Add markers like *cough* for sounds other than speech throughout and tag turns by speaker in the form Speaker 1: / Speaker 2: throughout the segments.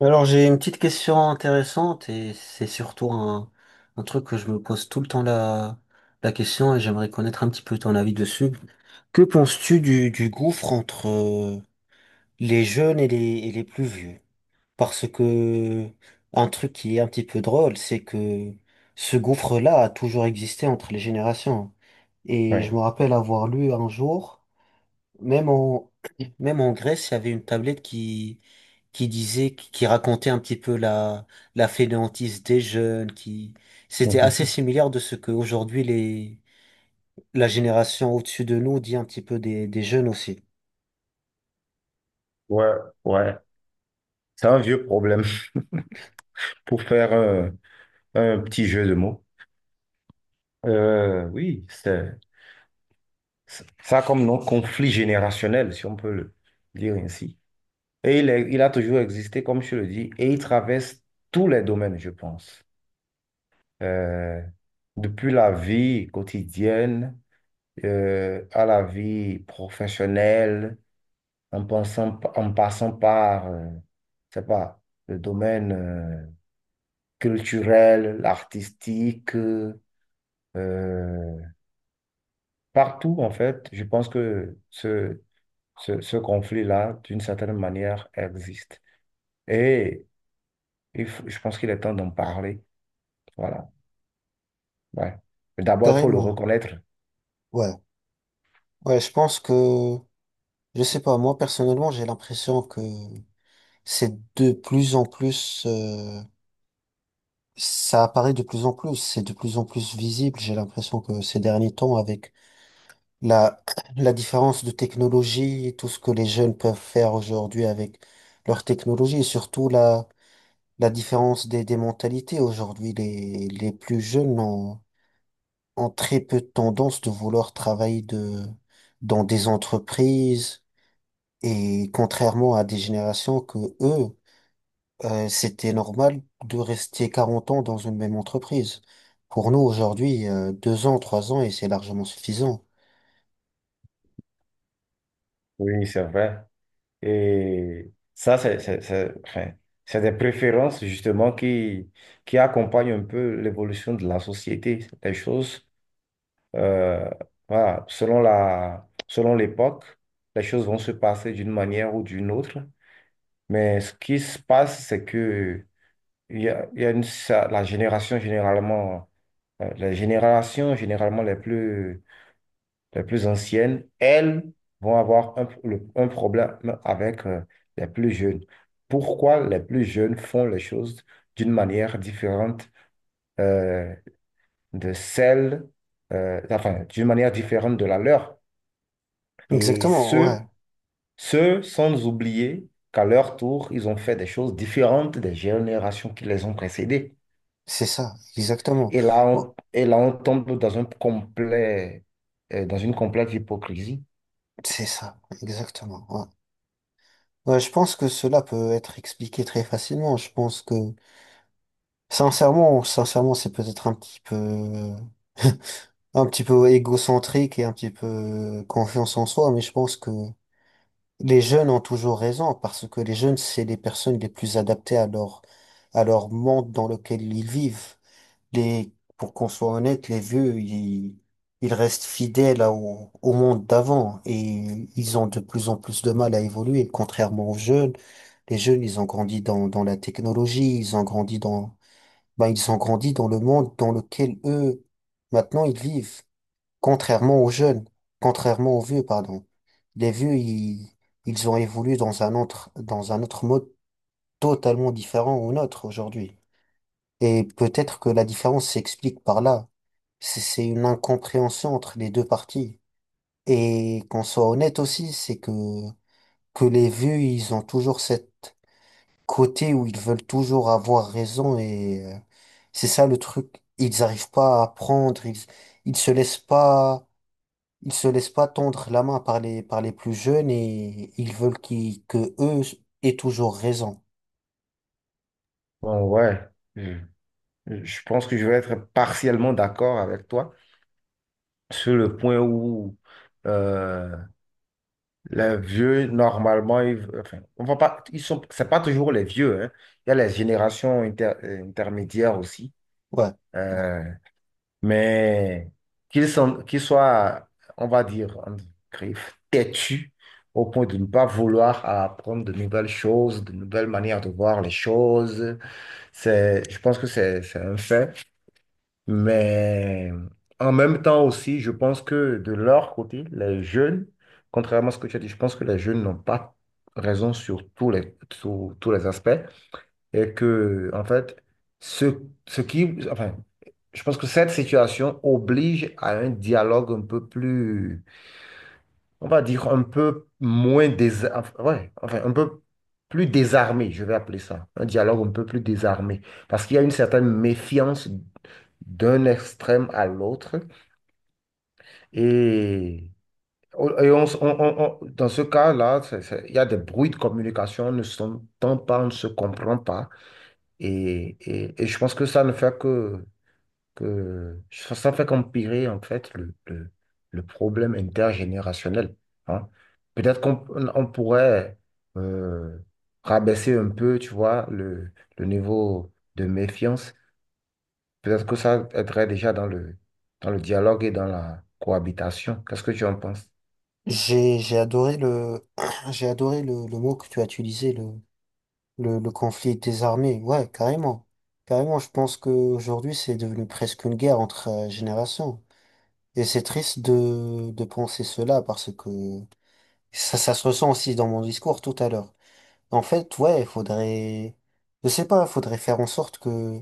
Speaker 1: Alors j'ai une petite question intéressante, et c'est surtout un truc que je me pose tout le temps la question, et j'aimerais connaître un petit peu ton avis dessus. Que penses-tu du gouffre entre les jeunes et et les plus vieux? Parce que un truc qui est un petit peu drôle, c'est que ce gouffre-là a toujours existé entre les générations. Et je
Speaker 2: Ouais.
Speaker 1: me rappelle avoir lu un jour, même en, même en Grèce, il y avait une tablette qui racontait un petit peu la fainéantise des jeunes, c'était assez
Speaker 2: *laughs*
Speaker 1: similaire de ce que aujourd'hui la génération au-dessus de nous dit un petit peu des jeunes aussi.
Speaker 2: Ouais, ouais. C'est un vieux problème *laughs* pour faire un petit jeu de mots. Oui, ça a comme nom conflit générationnel, si on peut le dire ainsi. Et il a toujours existé, comme je le dis, et il traverse tous les domaines, je pense. Euh, Depuis la vie quotidienne à la vie professionnelle, en passant par, je sais pas, le domaine, culturelle, artistique, euh, partout en fait. Je pense que ce conflit-là, d'une certaine manière, existe. Et je pense qu'il est temps d'en parler. Voilà. Ouais. Mais d'abord, il faut le
Speaker 1: Carrément.
Speaker 2: reconnaître.
Speaker 1: Ouais. Ouais, je pense que, je sais pas, moi personnellement, j'ai l'impression que c'est de plus en plus, ça apparaît de plus en plus, c'est de plus en plus visible. J'ai l'impression que ces derniers temps avec La, *clears throat* la différence de technologie, et tout ce que les jeunes peuvent faire aujourd'hui avec leur technologie, et surtout la différence des mentalités. Aujourd'hui, les plus jeunes ont très peu de tendance de vouloir travailler dans des entreprises, et contrairement à des générations que eux, c'était normal de rester 40 ans dans une même entreprise. Pour nous, aujourd'hui, 2 ans, 3 ans, et c'est largement suffisant.
Speaker 2: Oui, c'est vrai. Et ça, c'est des préférences justement qui accompagnent un peu l'évolution de la société. Les choses Euh, voilà, selon l'époque, les choses vont se passer d'une manière ou d'une autre. Mais ce qui se passe, c'est que il y a, la génération généralement, les générations généralement les plus anciennes, elles vont avoir un problème avec les plus jeunes. Pourquoi les plus jeunes font les choses d'une manière différente euh, de d'une manière différente de la leur? Et
Speaker 1: Exactement, ouais.
Speaker 2: ceux sans oublier qu'à leur tour, ils ont fait des choses différentes des générations qui les ont précédées.
Speaker 1: C'est ça, exactement.
Speaker 2: Et
Speaker 1: Bon,
Speaker 2: et là, on tombe dans dans une complète hypocrisie.
Speaker 1: c'est ça, exactement. Ouais. Ouais, je pense que cela peut être expliqué très facilement. Je pense que, sincèrement, c'est peut-être un petit peu égocentrique, et un petit peu confiance en soi, mais je pense que les jeunes ont toujours raison parce que les jeunes, c'est les personnes les plus adaptées à à leur monde dans lequel ils vivent. Pour qu'on soit honnête, les vieux, ils restent fidèles au monde d'avant, et ils ont de plus en plus de mal à évoluer, contrairement aux jeunes. Les jeunes, ils ont grandi dans la technologie, ils ont grandi ben, ils ont grandi dans le monde dans lequel eux, maintenant, ils vivent, contrairement aux jeunes, contrairement aux vieux, pardon. Les vieux, ils ont évolué dans un autre mode totalement différent au nôtre aujourd'hui. Et peut-être que la différence s'explique par là. C'est une incompréhension entre les deux parties. Et qu'on soit honnête aussi, c'est que les vieux, ils ont toujours cette côté où ils veulent toujours avoir raison, et c'est ça le truc. Ils n'arrivent pas à apprendre, ils se laissent pas tendre la main par par les plus jeunes, et ils veulent que eux aient toujours raison.
Speaker 2: Bon, ouais, je, je pense que je vais être partiellement d'accord avec toi sur le point où euh, les vieux, normalement, ils, enfin, on va pas, ils sont, c'est pas toujours les vieux, hein. Il y a les générations intermédiaires aussi.
Speaker 1: Ouais.
Speaker 2: Euh, mais qu'ils soient, on va dire, en griffe, têtus au point de ne pas vouloir apprendre de nouvelles choses, de nouvelles manières de voir les choses. Je pense que c'est un fait. Mais en même temps aussi, je pense que de leur côté, les jeunes, contrairement à ce que tu as dit, je pense que les jeunes n'ont pas raison sur tous sur tous les aspects et que, en fait, ce, ce qui, enfin, je pense que cette situation oblige à un dialogue on va dire un peu moins dés, enfin, ouais, enfin, un peu plus désarmé, je vais appeler ça, un dialogue un peu plus désarmé, parce qu'il y a une certaine méfiance d'un extrême à l'autre et oh, et on, s- on- dans ce cas-là, il y a des bruits de communication, on ne s'entend pas, on ne se comprend pas. Et je pense que ça ne fait que ça fait qu'empirer en fait le problème intergénérationnel. Hein. Peut-être qu'on on pourrait euh, rabaisser un peu, tu vois, le niveau de méfiance. Peut-être que ça aiderait déjà dans dans le dialogue et dans la cohabitation. Qu'est-ce que tu en penses?
Speaker 1: J'ai adoré *clears throat* le mot que tu as utilisé, le conflit est désarmé, ouais, carrément. Carrément, je pense qu'aujourd'hui, c'est devenu presque une guerre entre générations. Et c'est triste de penser cela parce que ça se ressent aussi dans mon discours tout à l'heure. En fait, ouais, il faudrait, je sais pas, il faudrait faire en sorte que,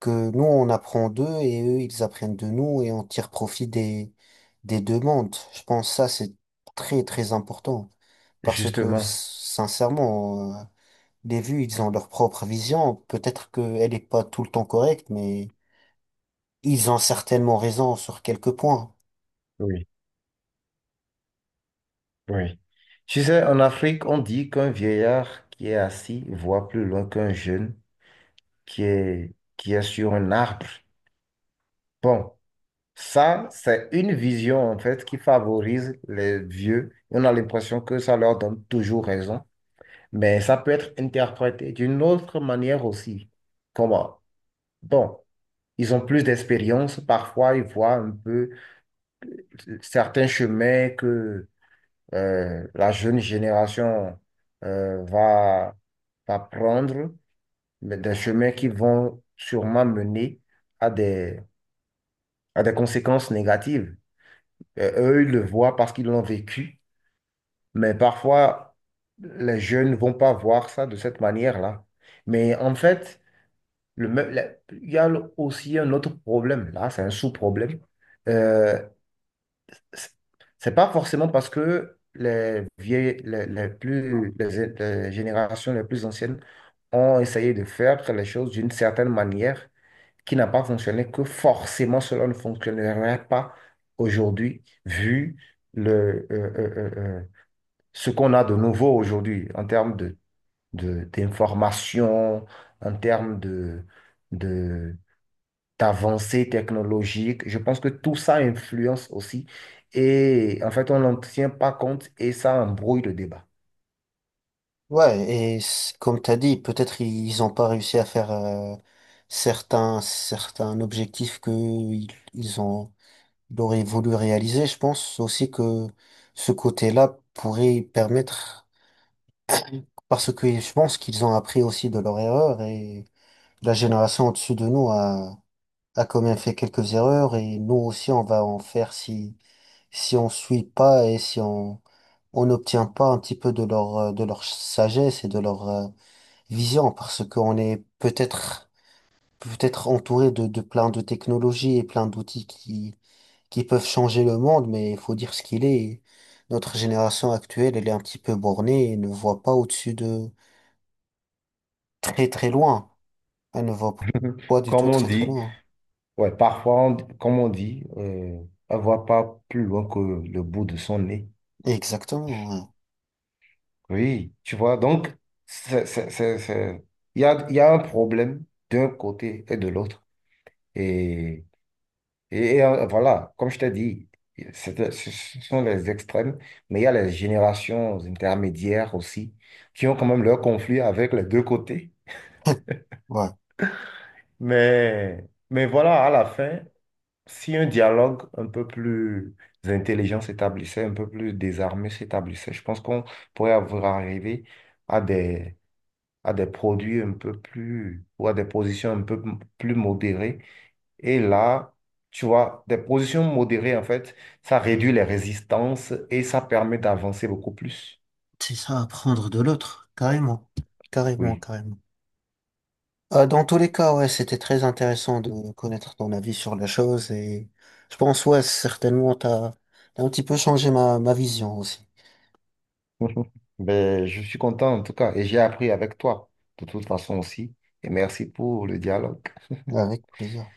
Speaker 1: que nous, on apprend d'eux, et eux, ils apprennent de nous, et on tire profit des deux mondes. Je pense que ça, c'est très, très important parce que,
Speaker 2: Justement,
Speaker 1: sincèrement, les vues, ils ont leur propre vision. Peut-être qu'elle n'est pas tout le temps correcte, mais ils ont certainement raison sur quelques points.
Speaker 2: oui, oui. Tu sais, en Afrique, on dit qu'un vieillard qui est assis voit plus loin qu'un jeune qui est sur un arbre. Bon, ça, c'est une vision en fait qui favorise les vieux. On a l'impression que ça leur donne toujours raison, mais ça peut être interprété d'une autre manière aussi. Comment? Bon, ils ont plus d'expérience, parfois ils voient un peu certains chemins que la jeune génération euh, va, va prendre, mais des chemins qui vont sûrement mener à des a des conséquences négatives. Euh, Eux, ils le voient parce qu'ils l'ont vécu, mais parfois, les jeunes ne vont pas voir ça de cette manière-là. Mais en fait, le, me- la- il y a le- aussi un autre problème. Là, c'est un sous-problème. Euh, c'est c'est pas forcément parce que les générations les plus anciennes ont essayé de faire les choses d'une certaine manière qui n'a pas fonctionné, que forcément cela ne fonctionnerait pas aujourd'hui, vu le, euh, euh, euh, euh, ce qu'on a de nouveau aujourd'hui en termes d'information, en termes de, d'avancées technologiques. Je pense que tout ça influence aussi. Et en fait, on n'en tient pas compte et ça embrouille le débat.
Speaker 1: Ouais, et comme t'as dit, peut-être ils n'ont pas réussi à faire certains objectifs que ils ont, ils auraient voulu réaliser. Je pense aussi que ce côté-là pourrait permettre, parce que je pense qu'ils ont appris aussi de leurs erreurs. Et la génération au-dessus de nous a quand même fait quelques erreurs, et nous aussi on va en faire si on suit pas, et si on n'obtient pas un petit peu de leur sagesse et de leur vision, parce qu'on est peut-être entouré de plein de technologies et plein d'outils qui peuvent changer le monde, mais il faut dire ce qu'il est, et notre génération actuelle, elle est un petit peu bornée et ne voit pas au-dessus de très très loin, elle ne voit
Speaker 2: *laughs*
Speaker 1: pas du tout
Speaker 2: Comme on
Speaker 1: très très
Speaker 2: dit,
Speaker 1: loin.
Speaker 2: ouais, parfois, comme on dit, on ne voit pas plus loin que le bout de son nez.
Speaker 1: Exactement, ouais.
Speaker 2: Oui, tu vois, donc, c'est, c'est, c'est, c'est- il y a un problème d'un côté et de l'autre. Et, voilà, comme je t'ai dit, ce sont les extrêmes, mais il y a les générations intermédiaires aussi, qui ont quand même leurs conflits avec les deux côtés.
Speaker 1: *laughs* Ouais.
Speaker 2: Mais, mais voilà, à la fin, si un dialogue un peu plus intelligent s'établissait, un peu plus désarmé s'établissait, je pense qu'on pourrait avoir arrivé à des à des produits un peu plus, ou à des positions plus modérées. Et là, tu vois, des positions modérées, en fait, ça réduit les résistances et ça permet d'avancer beaucoup plus.
Speaker 1: C'est ça, apprendre de l'autre, carrément, carrément,
Speaker 2: Oui.
Speaker 1: carrément. Dans tous les cas, ouais, c'était très intéressant de connaître ton avis sur la chose, et je pense, ouais, certainement, t'as un petit peu changé ma vision aussi.
Speaker 2: *laughs* Ben je suis content en tout cas et j'ai appris avec toi de toute façon aussi. Et merci pour le dialogue.
Speaker 1: Avec plaisir.